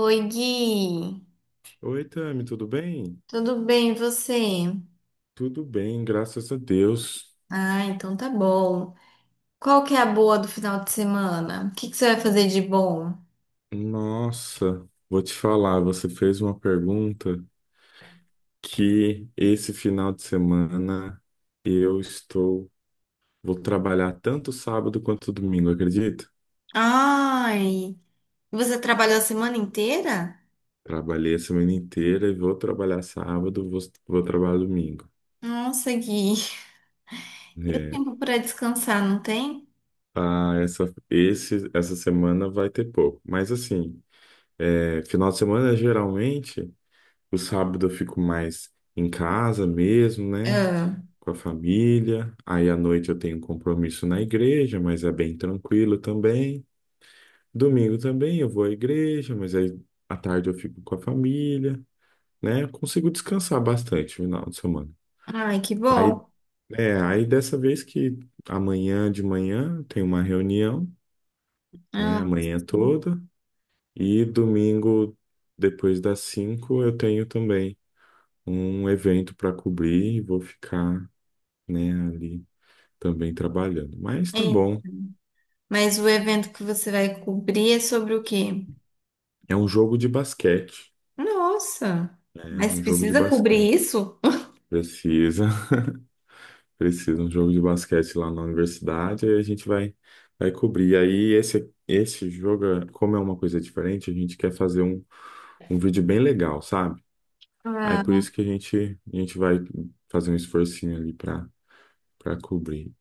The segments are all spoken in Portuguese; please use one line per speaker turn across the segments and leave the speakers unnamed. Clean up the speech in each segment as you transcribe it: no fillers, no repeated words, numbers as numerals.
Oi, Gui.
Oi, Tami, tudo bem?
Tudo bem, e você?
Tudo bem, graças a Deus.
Ah, então tá bom. Qual que é a boa do final de semana? O que que você vai fazer de bom?
Nossa, vou te falar, você fez uma pergunta que esse final de semana eu estou, vou trabalhar tanto sábado quanto domingo, acredita?
Ai, você trabalhou a semana inteira?
Trabalhei a semana inteira e vou trabalhar sábado, vou, vou trabalhar domingo.
Nossa, Gui. E o
É,
tempo para descansar, não tem?
essa semana vai ter pouco, mas assim, é, final de semana geralmente. O sábado eu fico mais em casa mesmo, né?
Ah,
Com a família. Aí à noite eu tenho um compromisso na igreja, mas é bem tranquilo também. Domingo também eu vou à igreja, mas aí à tarde eu fico com a família, né? Eu consigo descansar bastante no final de semana.
ai, que
Aí,
bom.
é, aí dessa vez que amanhã de manhã tem uma reunião, né?
Ah,
Amanhã
sim.
toda. E domingo, depois das 5, eu tenho também um evento para cobrir e vou ficar, né, ali também trabalhando. Mas tá
É,
bom.
mas o evento que você vai cobrir é sobre o quê?
É um jogo de basquete,
Nossa,
né?
mas
Um jogo de
precisa
basquete.
cobrir isso?
Precisa, precisa, um jogo de basquete lá na universidade, aí a gente vai cobrir. Aí esse jogo, como é uma coisa diferente, a gente quer fazer um, um vídeo bem legal, sabe? Aí por
Ah,
isso que a gente vai fazer um esforcinho ali para, para cobrir.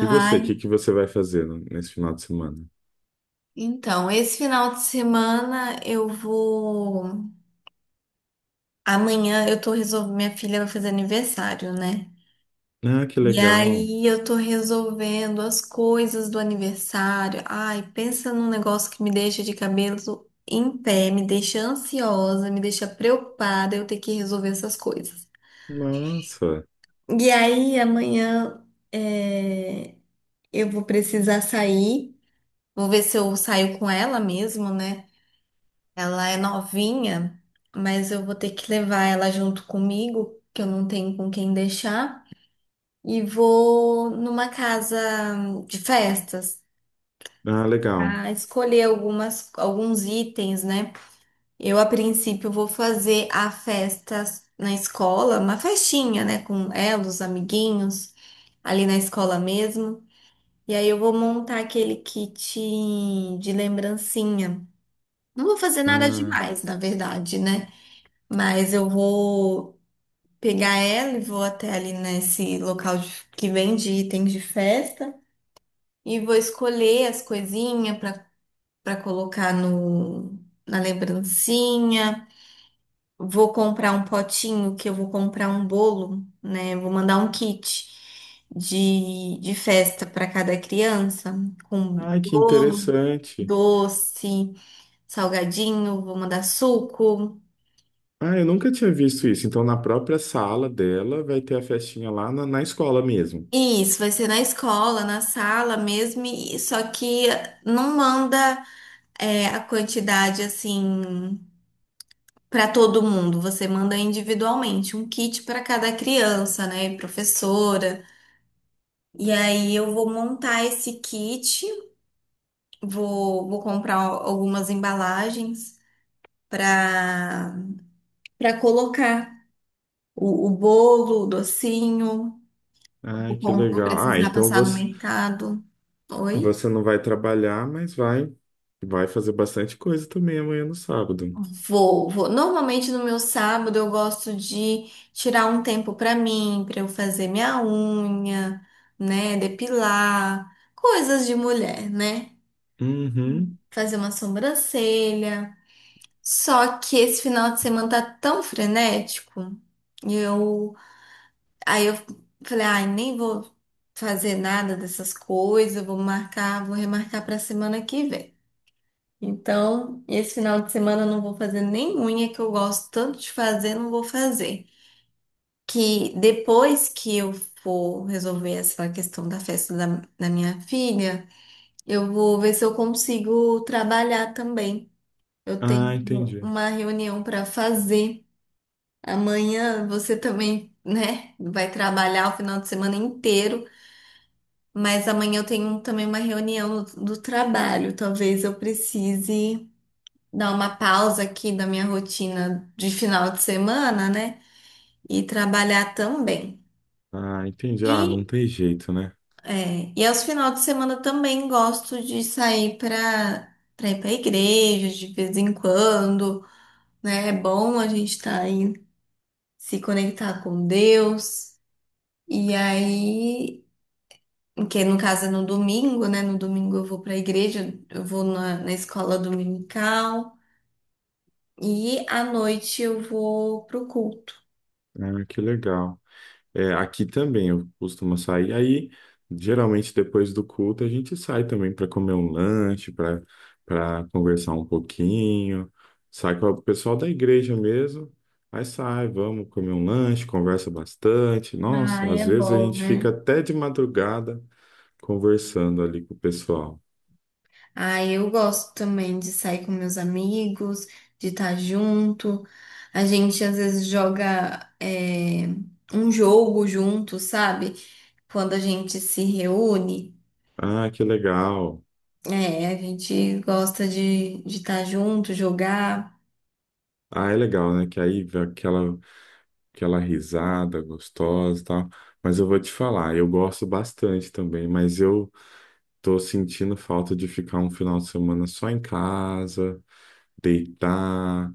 E você, o que que você vai fazer no- nesse final de semana?
então, esse final de semana eu vou. Amanhã eu tô resolvendo. Minha filha vai fazer aniversário, né?
Ah, que
E
legal.
aí eu tô resolvendo as coisas do aniversário. Ai, pensa num negócio que me deixa de cabelo em pé, me deixa ansiosa, me deixa preocupada eu ter que resolver essas coisas.
Nossa.
E aí amanhã é, eu vou precisar sair. Vou ver se eu saio com ela mesmo, né? Ela é novinha, mas eu vou ter que levar ela junto comigo, que eu não tenho com quem deixar, e vou numa casa de festas
Ah, legal.
a escolher algumas, alguns itens, né? Eu, a princípio, vou fazer a festa na escola, uma festinha, né, com ela, os amiguinhos, ali na escola mesmo. E aí eu vou montar aquele kit de lembrancinha. Não vou fazer nada
Ah,
demais, na verdade, né? Mas eu vou pegar ela e vou até ali nesse local que vende itens de festa e vou escolher as coisinhas para colocar no, na lembrancinha. Vou comprar um potinho que eu vou comprar um bolo, né? Vou mandar um kit de festa para cada criança com
ai, que
bolo,
interessante.
doce, salgadinho, vou mandar suco.
Ah, eu nunca tinha visto isso. Então, na própria sala dela, vai ter a festinha lá na, na escola mesmo.
Isso, vai ser na escola, na sala mesmo, só que não manda a quantidade assim para todo mundo, você manda individualmente, um kit para cada criança, né, e professora. E aí eu vou montar esse kit, vou comprar algumas embalagens para colocar o bolo, o docinho,
Ai, que
vou
legal. Ah,
precisar
então
passar no
você,
mercado. Oi?
você não vai trabalhar, mas vai, vai fazer bastante coisa também amanhã no sábado.
Vou, vou. Normalmente no meu sábado eu gosto de tirar um tempo pra mim, pra eu fazer minha unha, né, depilar, coisas de mulher, né?
Uhum.
Fazer uma sobrancelha. Só que esse final de semana tá tão frenético, e eu falei, ai, nem vou fazer nada dessas coisas, vou marcar, vou remarcar pra semana que vem. Então, esse final de semana eu não vou fazer nem unha que eu gosto tanto de fazer, não vou fazer. Que depois que eu for resolver essa questão da festa da minha filha, eu vou ver se eu consigo trabalhar também. Eu
Ah,
tenho
entendi.
uma reunião para fazer. Amanhã você também, né, vai trabalhar o final de semana inteiro, mas amanhã eu tenho também uma reunião do trabalho. Talvez eu precise dar uma pausa aqui da minha rotina de final de semana, né? E trabalhar também.
Ah, entendi. Ah, não
E,
tem jeito, né?
é, e aos finais de semana também gosto de sair para ir para a igreja de vez em quando, né? É bom a gente estar aí se conectar com Deus. E aí, que no caso é no domingo, né? No domingo eu vou para a igreja, eu vou na escola dominical. E à noite eu vou pro culto.
Ah, que legal. É, aqui também eu costumo sair. Aí, geralmente, depois do culto, a gente sai também para comer um lanche, para, para conversar um pouquinho. Sai com o pessoal da igreja mesmo. Aí sai, vamos comer um lanche, conversa bastante.
Ah,
Nossa,
é
às vezes a
bom,
gente fica
né?
até de madrugada conversando ali com o pessoal.
Ah, eu gosto também de sair com meus amigos, de estar junto. A gente às vezes joga um jogo junto, sabe? Quando a gente se reúne,
Ah, que legal.
é, a gente gosta de estar junto, jogar.
Ah, é legal, né? Que aí vem aquela, aquela risada gostosa e tal. Mas eu vou te falar, eu gosto bastante também, mas eu tô sentindo falta de ficar um final de semana só em casa, deitar,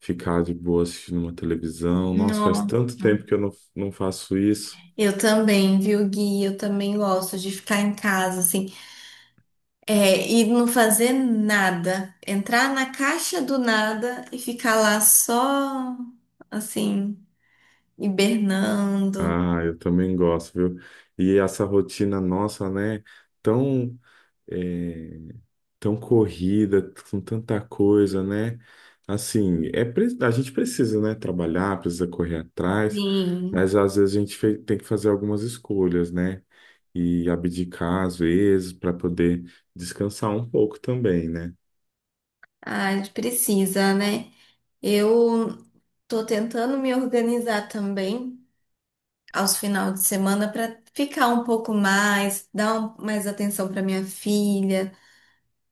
ficar de boa assistindo uma televisão. Nossa, faz
Nossa.
tanto tempo que eu não, não faço isso.
Eu também, viu, Gui? Eu também gosto de ficar em casa, assim. É, e não fazer nada. Entrar na caixa do nada e ficar lá só, assim, hibernando.
Ah, eu também gosto, viu? E essa rotina nossa, né? Tão, é, tão corrida, com tanta coisa, né? Assim, é, pre- a gente precisa, né? Trabalhar, precisa correr atrás,
Sim,
mas às vezes a gente fe- tem que fazer algumas escolhas, né? E abdicar às vezes para poder descansar um pouco também, né?
ah, a gente precisa, né? Eu tô tentando me organizar também aos finais de semana para ficar um pouco mais, mais atenção para minha filha.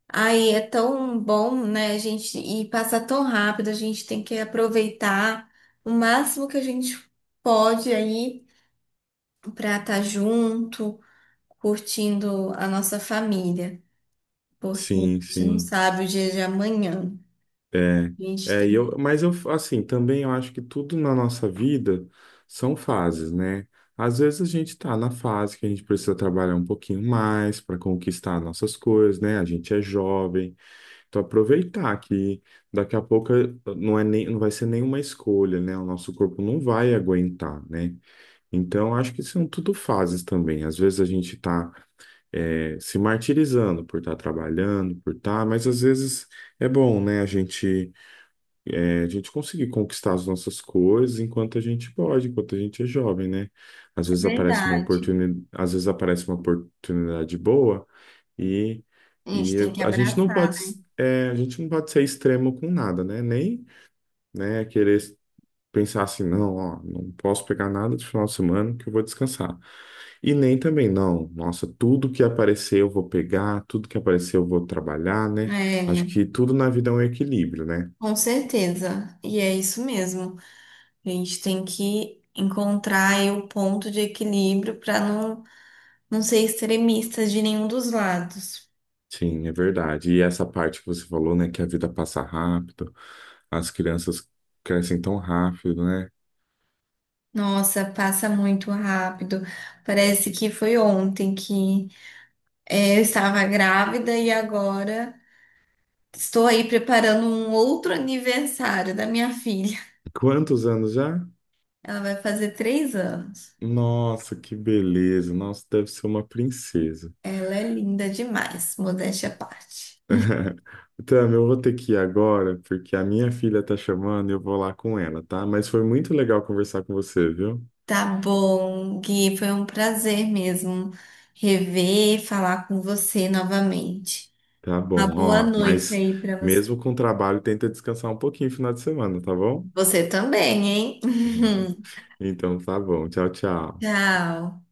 Aí é tão bom, né, a gente, e passa tão rápido, a gente tem que aproveitar o máximo que a gente pode aí para estar junto, curtindo a nossa família, porque a
Sim,
gente não
sim.
sabe o dia de amanhã.
É,
A gente
é, e
tem,
eu, mas eu, assim, também eu acho que tudo na nossa vida são fases, né? Às vezes a gente tá na fase que a gente precisa trabalhar um pouquinho mais para conquistar nossas coisas, né? A gente é jovem, então aproveitar que daqui a pouco não é nem, não vai ser nenhuma escolha, né? O nosso corpo não vai aguentar, né? Então acho que são tudo fases também. Às vezes a gente tá é, se martirizando por estar trabalhando, por estar, mas às vezes é bom, né? A gente, é, a gente conseguir conquistar as nossas coisas enquanto a gente pode, enquanto a gente é jovem, né? Às
é
vezes aparece uma
verdade.
oportunidade, às vezes aparece uma oportunidade boa e,
A gente
e
tem que
a gente não
abraçar,
pode,
né?
a gente não pode ser extremo com nada, né? Nem, né, querer pensar assim, não, ó, não posso pegar nada de final de semana que eu vou descansar. E nem também, não, nossa, tudo que aparecer eu vou pegar, tudo que aparecer eu vou trabalhar, né? Acho que
É,
tudo na vida é um equilíbrio, né?
com certeza. E é isso mesmo. A gente tem que encontrar aí o ponto de equilíbrio para não, não ser extremista de nenhum dos lados.
Sim, é verdade. E essa parte que você falou, né, que a vida passa rápido, as crianças crescem tão rápido, né?
Nossa, passa muito rápido. Parece que foi ontem que eu estava grávida e agora. Estou aí preparando um outro aniversário da minha filha.
Quantos anos já?
Ela vai fazer 3 anos.
Nossa, que beleza! Nossa, deve ser uma princesa.
Ela é linda demais, modéstia à parte.
Tam, eu vou ter que ir agora, porque a minha filha tá chamando e eu vou lá com ela, tá? Mas foi muito legal conversar com você, viu?
Tá bom, Gui, foi um prazer mesmo rever, e falar com você novamente.
Tá
Uma
bom,
boa
ó.
noite
Mas
aí para você.
mesmo com o trabalho, tenta descansar um pouquinho no final de semana, tá bom?
Você também, hein?
Então tá bom. Tchau, tchau.
Tchau.